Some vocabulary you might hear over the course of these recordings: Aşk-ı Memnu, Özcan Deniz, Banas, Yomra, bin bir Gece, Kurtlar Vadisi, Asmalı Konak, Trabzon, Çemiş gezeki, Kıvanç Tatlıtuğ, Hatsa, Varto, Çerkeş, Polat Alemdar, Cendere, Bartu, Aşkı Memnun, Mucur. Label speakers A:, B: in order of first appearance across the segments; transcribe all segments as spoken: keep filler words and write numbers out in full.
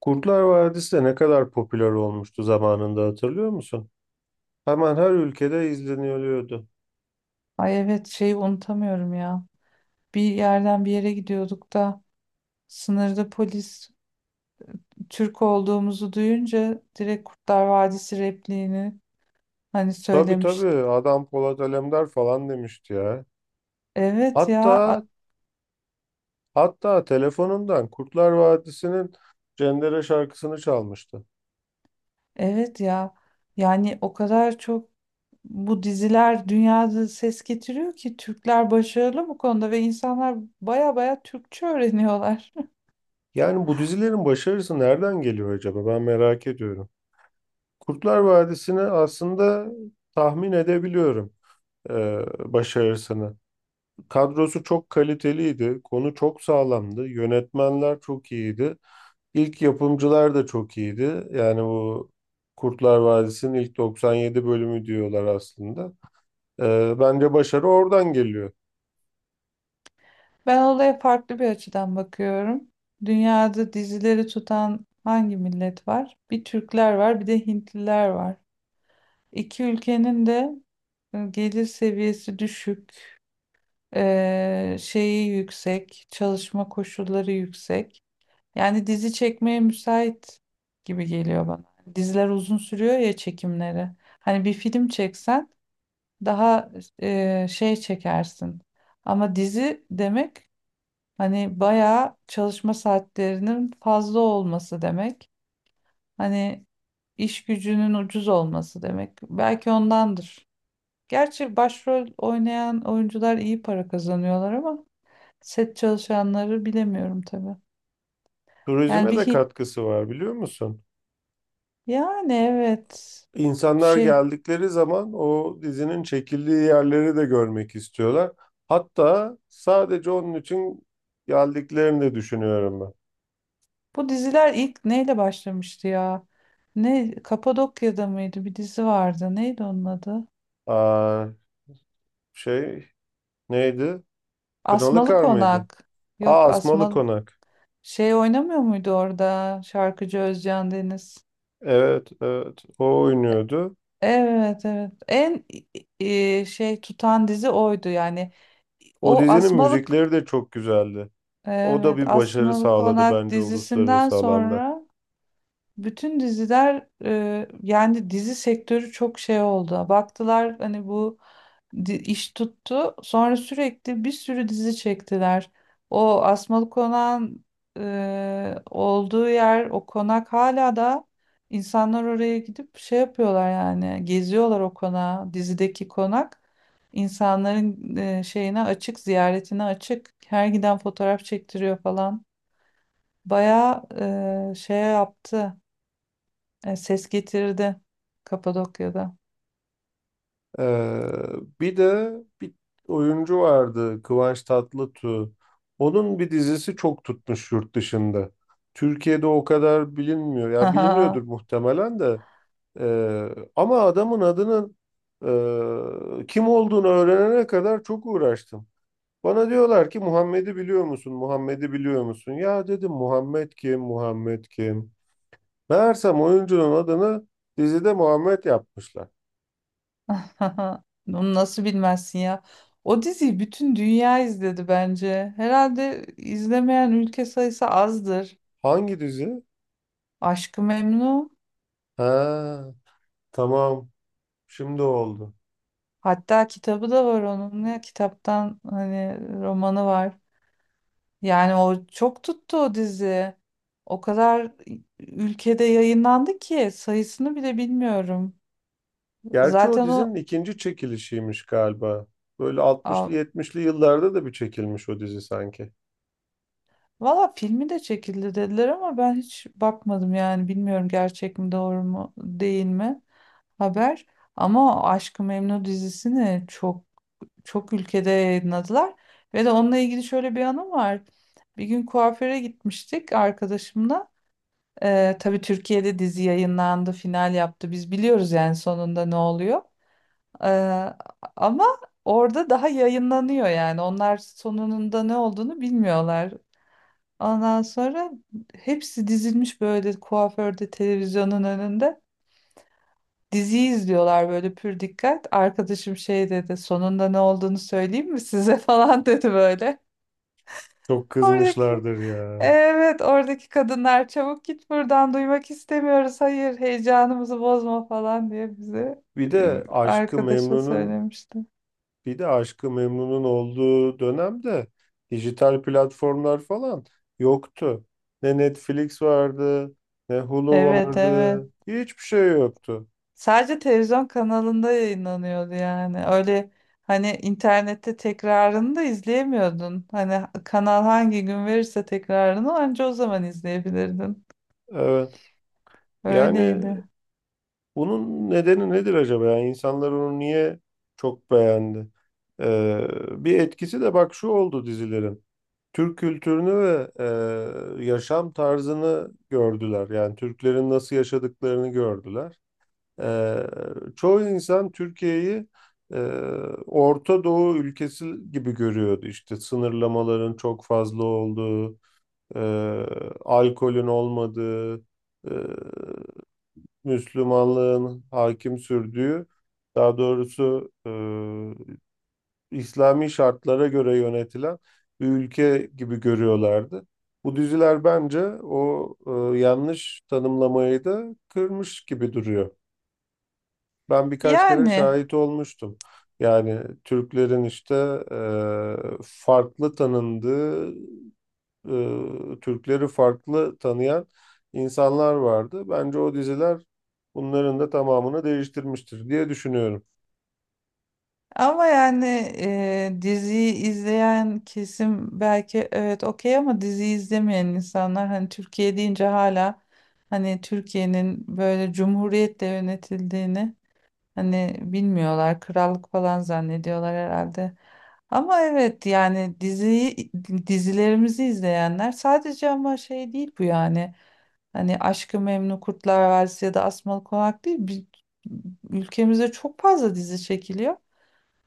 A: Kurtlar Vadisi de ne kadar popüler olmuştu zamanında hatırlıyor musun? Hemen her ülkede izleniyordu.
B: Ay evet şeyi unutamıyorum ya. Bir yerden bir yere gidiyorduk da sınırda polis Türk olduğumuzu duyunca direkt Kurtlar Vadisi repliğini hani
A: Tabii, tabii,
B: söylemişti.
A: adam Polat Alemdar falan demişti ya.
B: Evet ya,
A: Hatta
B: a-
A: hatta telefonundan Kurtlar Vadisi'nin Cendere şarkısını çalmıştı.
B: evet ya, yani o kadar çok bu diziler dünyada ses getiriyor ki Türkler başarılı bu konuda ve insanlar baya baya Türkçe öğreniyorlar.
A: Yani bu dizilerin başarısı nereden geliyor acaba? Ben merak ediyorum. Kurtlar Vadisi'ni aslında tahmin edebiliyorum eee, başarısını. Kadrosu çok kaliteliydi, konu çok sağlamdı, yönetmenler çok iyiydi. İlk yapımcılar da çok iyiydi. Yani bu Kurtlar Vadisi'nin ilk doksan yedi bölümü diyorlar aslında. Ee, bence başarı oradan geliyor.
B: Ben olaya farklı bir açıdan bakıyorum. Dünyada dizileri tutan hangi millet var? Bir Türkler var, bir de Hintliler var. İki ülkenin de e, gelir seviyesi düşük, e, şeyi yüksek, çalışma koşulları yüksek. Yani dizi çekmeye müsait gibi geliyor bana. Hani diziler uzun sürüyor ya çekimleri. Hani bir film çeksen daha e, şey çekersin. Ama dizi demek hani bayağı çalışma saatlerinin fazla olması demek. Hani iş gücünün ucuz olması demek. Belki ondandır. Gerçi başrol oynayan oyuncular iyi para kazanıyorlar ama set çalışanları bilemiyorum tabii. Yani
A: Turizme
B: bir
A: de
B: hi-
A: katkısı var, biliyor musun?
B: yani evet.
A: İnsanlar
B: Şey,
A: geldikleri zaman o dizinin çekildiği yerleri de görmek istiyorlar. Hatta sadece onun için geldiklerini de düşünüyorum ben.
B: bu diziler ilk neyle başlamıştı ya? Ne Kapadokya'da mıydı? Bir dizi vardı. Neydi onun adı?
A: Aa, şey, neydi?
B: Asmalı
A: Kınalıkar mıydı?
B: Konak. Yok,
A: Aa, Asmalı
B: Asmalı
A: Konak.
B: şey oynamıyor muydu orada şarkıcı Özcan Deniz?
A: Evet, evet. O oynuyordu.
B: Evet evet. En e, şey tutan dizi oydu yani.
A: O
B: O
A: dizinin
B: Asmalık
A: müzikleri de çok güzeldi. O da
B: evet,
A: bir başarı
B: Asmalı
A: sağladı
B: Konak
A: bence
B: dizisinden
A: uluslararası alanda.
B: sonra bütün diziler, e, yani dizi sektörü çok şey oldu. Baktılar hani bu di- iş tuttu. Sonra sürekli bir sürü dizi çektiler. O Asmalı Konak'ın e, olduğu yer, o konak hala da insanlar oraya gidip şey yapıyorlar yani. Geziyorlar o konağı, dizideki konak. İnsanların e, şeyine açık, ziyaretine açık. Her giden fotoğraf çektiriyor falan. Bayağı e, şey yaptı, e, ses getirdi Kapadokya'da.
A: Ee, Bir de bir oyuncu vardı, Kıvanç Tatlıtuğ. Onun bir dizisi çok tutmuş yurt dışında. Türkiye'de o kadar bilinmiyor. Ya biliniyordur muhtemelen de. Ee, Ama adamın adının e, kim olduğunu öğrenene kadar çok uğraştım. Bana diyorlar ki Muhammed'i biliyor musun? Muhammed'i biliyor musun? Ya dedim, Muhammed kim? Muhammed kim? Meğersem oyuncunun adını dizide Muhammed yapmışlar.
B: Onu nasıl bilmezsin ya? O diziyi bütün dünya izledi bence. Herhalde izlemeyen ülke sayısı azdır.
A: Hangi dizi?
B: Aşk-ı Memnu.
A: Ha, tamam. Şimdi oldu.
B: Hatta kitabı da var onun. Ne kitaptan, hani romanı var. Yani o çok tuttu o dizi. O kadar ülkede yayınlandı ki sayısını bile bilmiyorum.
A: Gerçi o
B: Zaten
A: dizinin
B: o.
A: ikinci çekilişiymiş galiba. Böyle
B: Aa,
A: altmışlı, yetmişli yıllarda da bir çekilmiş o dizi sanki.
B: valla filmi de çekildi dediler ama ben hiç bakmadım yani bilmiyorum gerçek mi doğru mu değil mi haber. Ama Aşk-ı Memnu dizisini çok çok ülkede yayınladılar. Ve de onunla ilgili şöyle bir anım var. Bir gün kuaföre gitmiştik arkadaşımla. Ee, tabii Türkiye'de dizi yayınlandı, final yaptı. Biz biliyoruz yani sonunda ne oluyor. Ee, ama orada daha yayınlanıyor yani. Onlar sonunda ne olduğunu bilmiyorlar. Ondan sonra hepsi dizilmiş böyle kuaförde, televizyonun önünde. Dizi izliyorlar böyle pür dikkat. Arkadaşım şey dedi, sonunda ne olduğunu söyleyeyim mi size, falan dedi böyle.
A: Çok
B: Oradaki,
A: kızmışlardır ya.
B: evet, oradaki kadınlar çabuk git buradan, duymak istemiyoruz, hayır, heyecanımızı bozma falan diye bize,
A: Bir
B: e,
A: de Aşkı
B: arkadaşa
A: Memnun'un
B: söylemişti.
A: bir de Aşkı Memnun'un olduğu dönemde dijital platformlar falan yoktu. Ne Netflix vardı, ne Hulu
B: Evet
A: vardı.
B: evet.
A: Hiçbir şey yoktu.
B: Sadece televizyon kanalında yayınlanıyordu yani. Öyle hani internette tekrarını da izleyemiyordun. Hani kanal hangi gün verirse tekrarını anca o zaman izleyebilirdin.
A: Evet. Yani
B: Öyleydi.
A: bunun nedeni nedir acaba? Yani insanlar onu niye çok beğendi? Ee, Bir etkisi de bak şu oldu dizilerin. Türk kültürünü ve e, yaşam tarzını gördüler. Yani Türklerin nasıl yaşadıklarını gördüler. Ee, Çoğu insan Türkiye'yi e, Orta Doğu ülkesi gibi görüyordu. İşte sınırlamaların çok fazla olduğu, e, alkolün olmadığı, e, Müslümanlığın hakim sürdüğü, daha doğrusu e, İslami şartlara göre yönetilen bir ülke gibi görüyorlardı. Bu diziler bence o e, yanlış tanımlamayı da kırmış gibi duruyor. Ben birkaç kere
B: Yani
A: şahit olmuştum. Yani Türklerin işte e, farklı tanındığı, e, Türkleri farklı tanıyan insanlar vardı. Bence o diziler bunların da tamamını değiştirmiştir diye düşünüyorum.
B: ama yani e, diziyi izleyen kesim belki, evet, okey, ama diziyi izlemeyen insanlar hani Türkiye deyince hala hani Türkiye'nin böyle cumhuriyetle yönetildiğini hani bilmiyorlar. Krallık falan zannediyorlar herhalde. Ama evet yani diziyi, dizilerimizi izleyenler sadece, ama şey değil bu yani. Hani Aşk-ı Memnu, Kurtlar Vadisi ya da Asmalı Konak değil. bi- ülkemizde çok fazla dizi çekiliyor.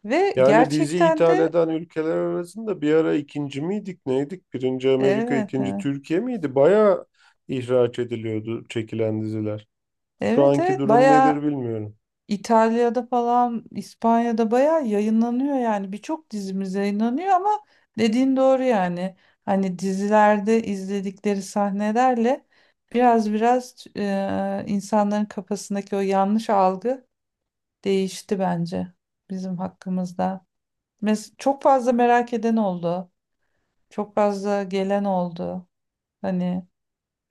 B: Ve
A: Yani dizi
B: gerçekten
A: ithal
B: de,
A: eden ülkeler arasında bir ara ikinci miydik, neydik? Birinci Amerika,
B: evet
A: ikinci
B: evet.
A: Türkiye miydi? Bayağı ihraç ediliyordu çekilen diziler. Şu
B: Evet
A: anki
B: evet,
A: durum nedir
B: bayağı
A: bilmiyorum.
B: İtalya'da falan, İspanya'da bayağı yayınlanıyor yani. Birçok dizimiz yayınlanıyor ama dediğin doğru yani. Hani dizilerde izledikleri sahnelerle biraz biraz e, insanların kafasındaki o yanlış algı değişti bence bizim hakkımızda. Mes çok fazla merak eden oldu. Çok fazla gelen oldu. Hani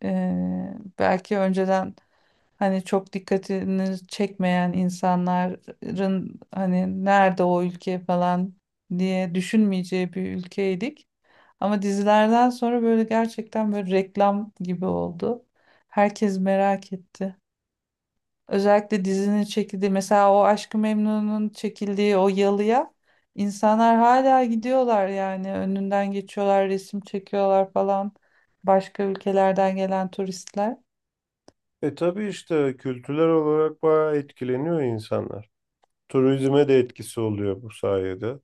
B: eee, belki önceden hani çok dikkatini çekmeyen insanların hani nerede o ülke falan diye düşünmeyeceği bir ülkeydik. Ama dizilerden sonra böyle gerçekten böyle reklam gibi oldu. Herkes merak etti. Özellikle dizinin çekildiği, mesela o Aşk-ı Memnu'nun çekildiği o yalıya insanlar hala gidiyorlar yani, önünden geçiyorlar, resim çekiyorlar falan, başka ülkelerden gelen turistler.
A: E tabii işte kültürel olarak bayağı etkileniyor insanlar. Turizme de etkisi oluyor bu sayede.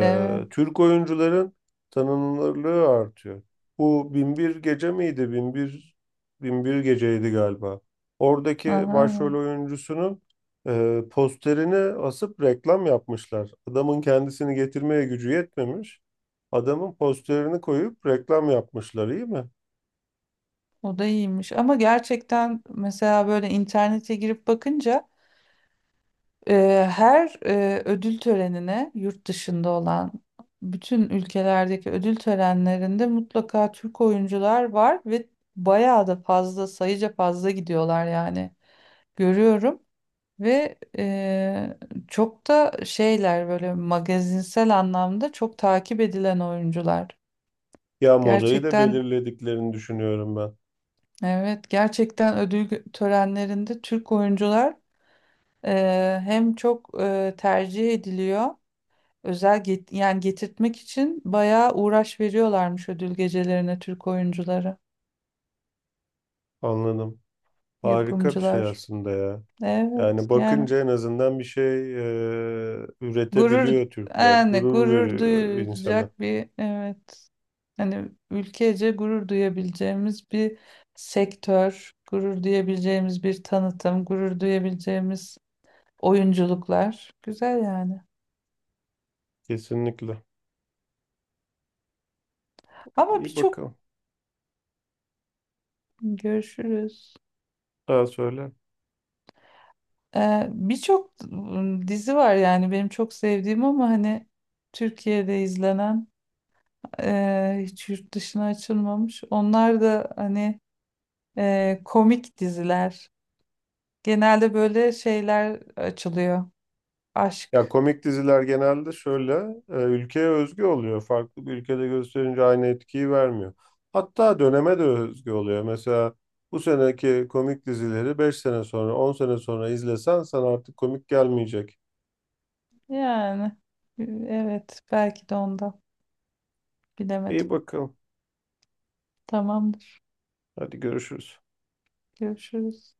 B: Evet.
A: Türk oyuncuların tanınırlığı artıyor. Bu bin bir Gece miydi? bin bir bin bir Gece'ydi galiba. Oradaki
B: Aha,
A: başrol
B: evet.
A: oyuncusunun e, posterini asıp reklam yapmışlar. Adamın kendisini getirmeye gücü yetmemiş. Adamın posterini koyup reklam yapmışlar, iyi mi?
B: O da iyiymiş, ama gerçekten mesela böyle internete girip bakınca Eee, her eee, ödül törenine yurt dışında olan bütün ülkelerdeki ödül törenlerinde mutlaka Türk oyuncular var ve bayağı da fazla, sayıca fazla gidiyorlar yani, görüyorum, ve eee, çok da şeyler böyle, magazinsel anlamda çok takip edilen oyuncular.
A: Ya modayı da
B: Gerçekten,
A: belirlediklerini düşünüyorum ben.
B: evet, gerçekten ödül törenlerinde Türk oyuncular eee, hem çok eee, tercih ediliyor. Özel get yani getirtmek için bayağı uğraş veriyorlarmış ödül gecelerine Türk oyuncuları,
A: Anladım. Harika bir şey
B: yapımcılar.
A: aslında ya.
B: Evet
A: Yani
B: yani
A: bakınca en azından bir şey e,
B: gurur,
A: üretebiliyor Türkler.
B: yani
A: Gurur
B: gurur
A: veriyor insana.
B: duyulacak bir, evet, hani ülkece gurur duyabileceğimiz bir sektör, gurur duyabileceğimiz bir tanıtım, gurur duyabileceğimiz oyunculuklar. Güzel yani.
A: Kesinlikle.
B: Ama
A: İyi
B: birçok,
A: bakalım.
B: görüşürüz.
A: Daha söyle.
B: Ee, birçok ım, dizi var yani benim çok sevdiğim ama hani Türkiye'de izlenen, e, hiç yurt dışına açılmamış. Onlar da hani e, komik diziler. Genelde böyle şeyler açılıyor.
A: Ya
B: Aşk.
A: komik diziler genelde şöyle e, ülkeye özgü oluyor. Farklı bir ülkede gösterince aynı etkiyi vermiyor. Hatta döneme de özgü oluyor. Mesela bu seneki komik dizileri beş sene sonra, on sene sonra izlesen sana artık komik gelmeyecek.
B: Yani e, evet, belki de onda, bilemedim.
A: İyi bakalım.
B: Tamamdır.
A: Hadi görüşürüz.
B: Görüşürüz.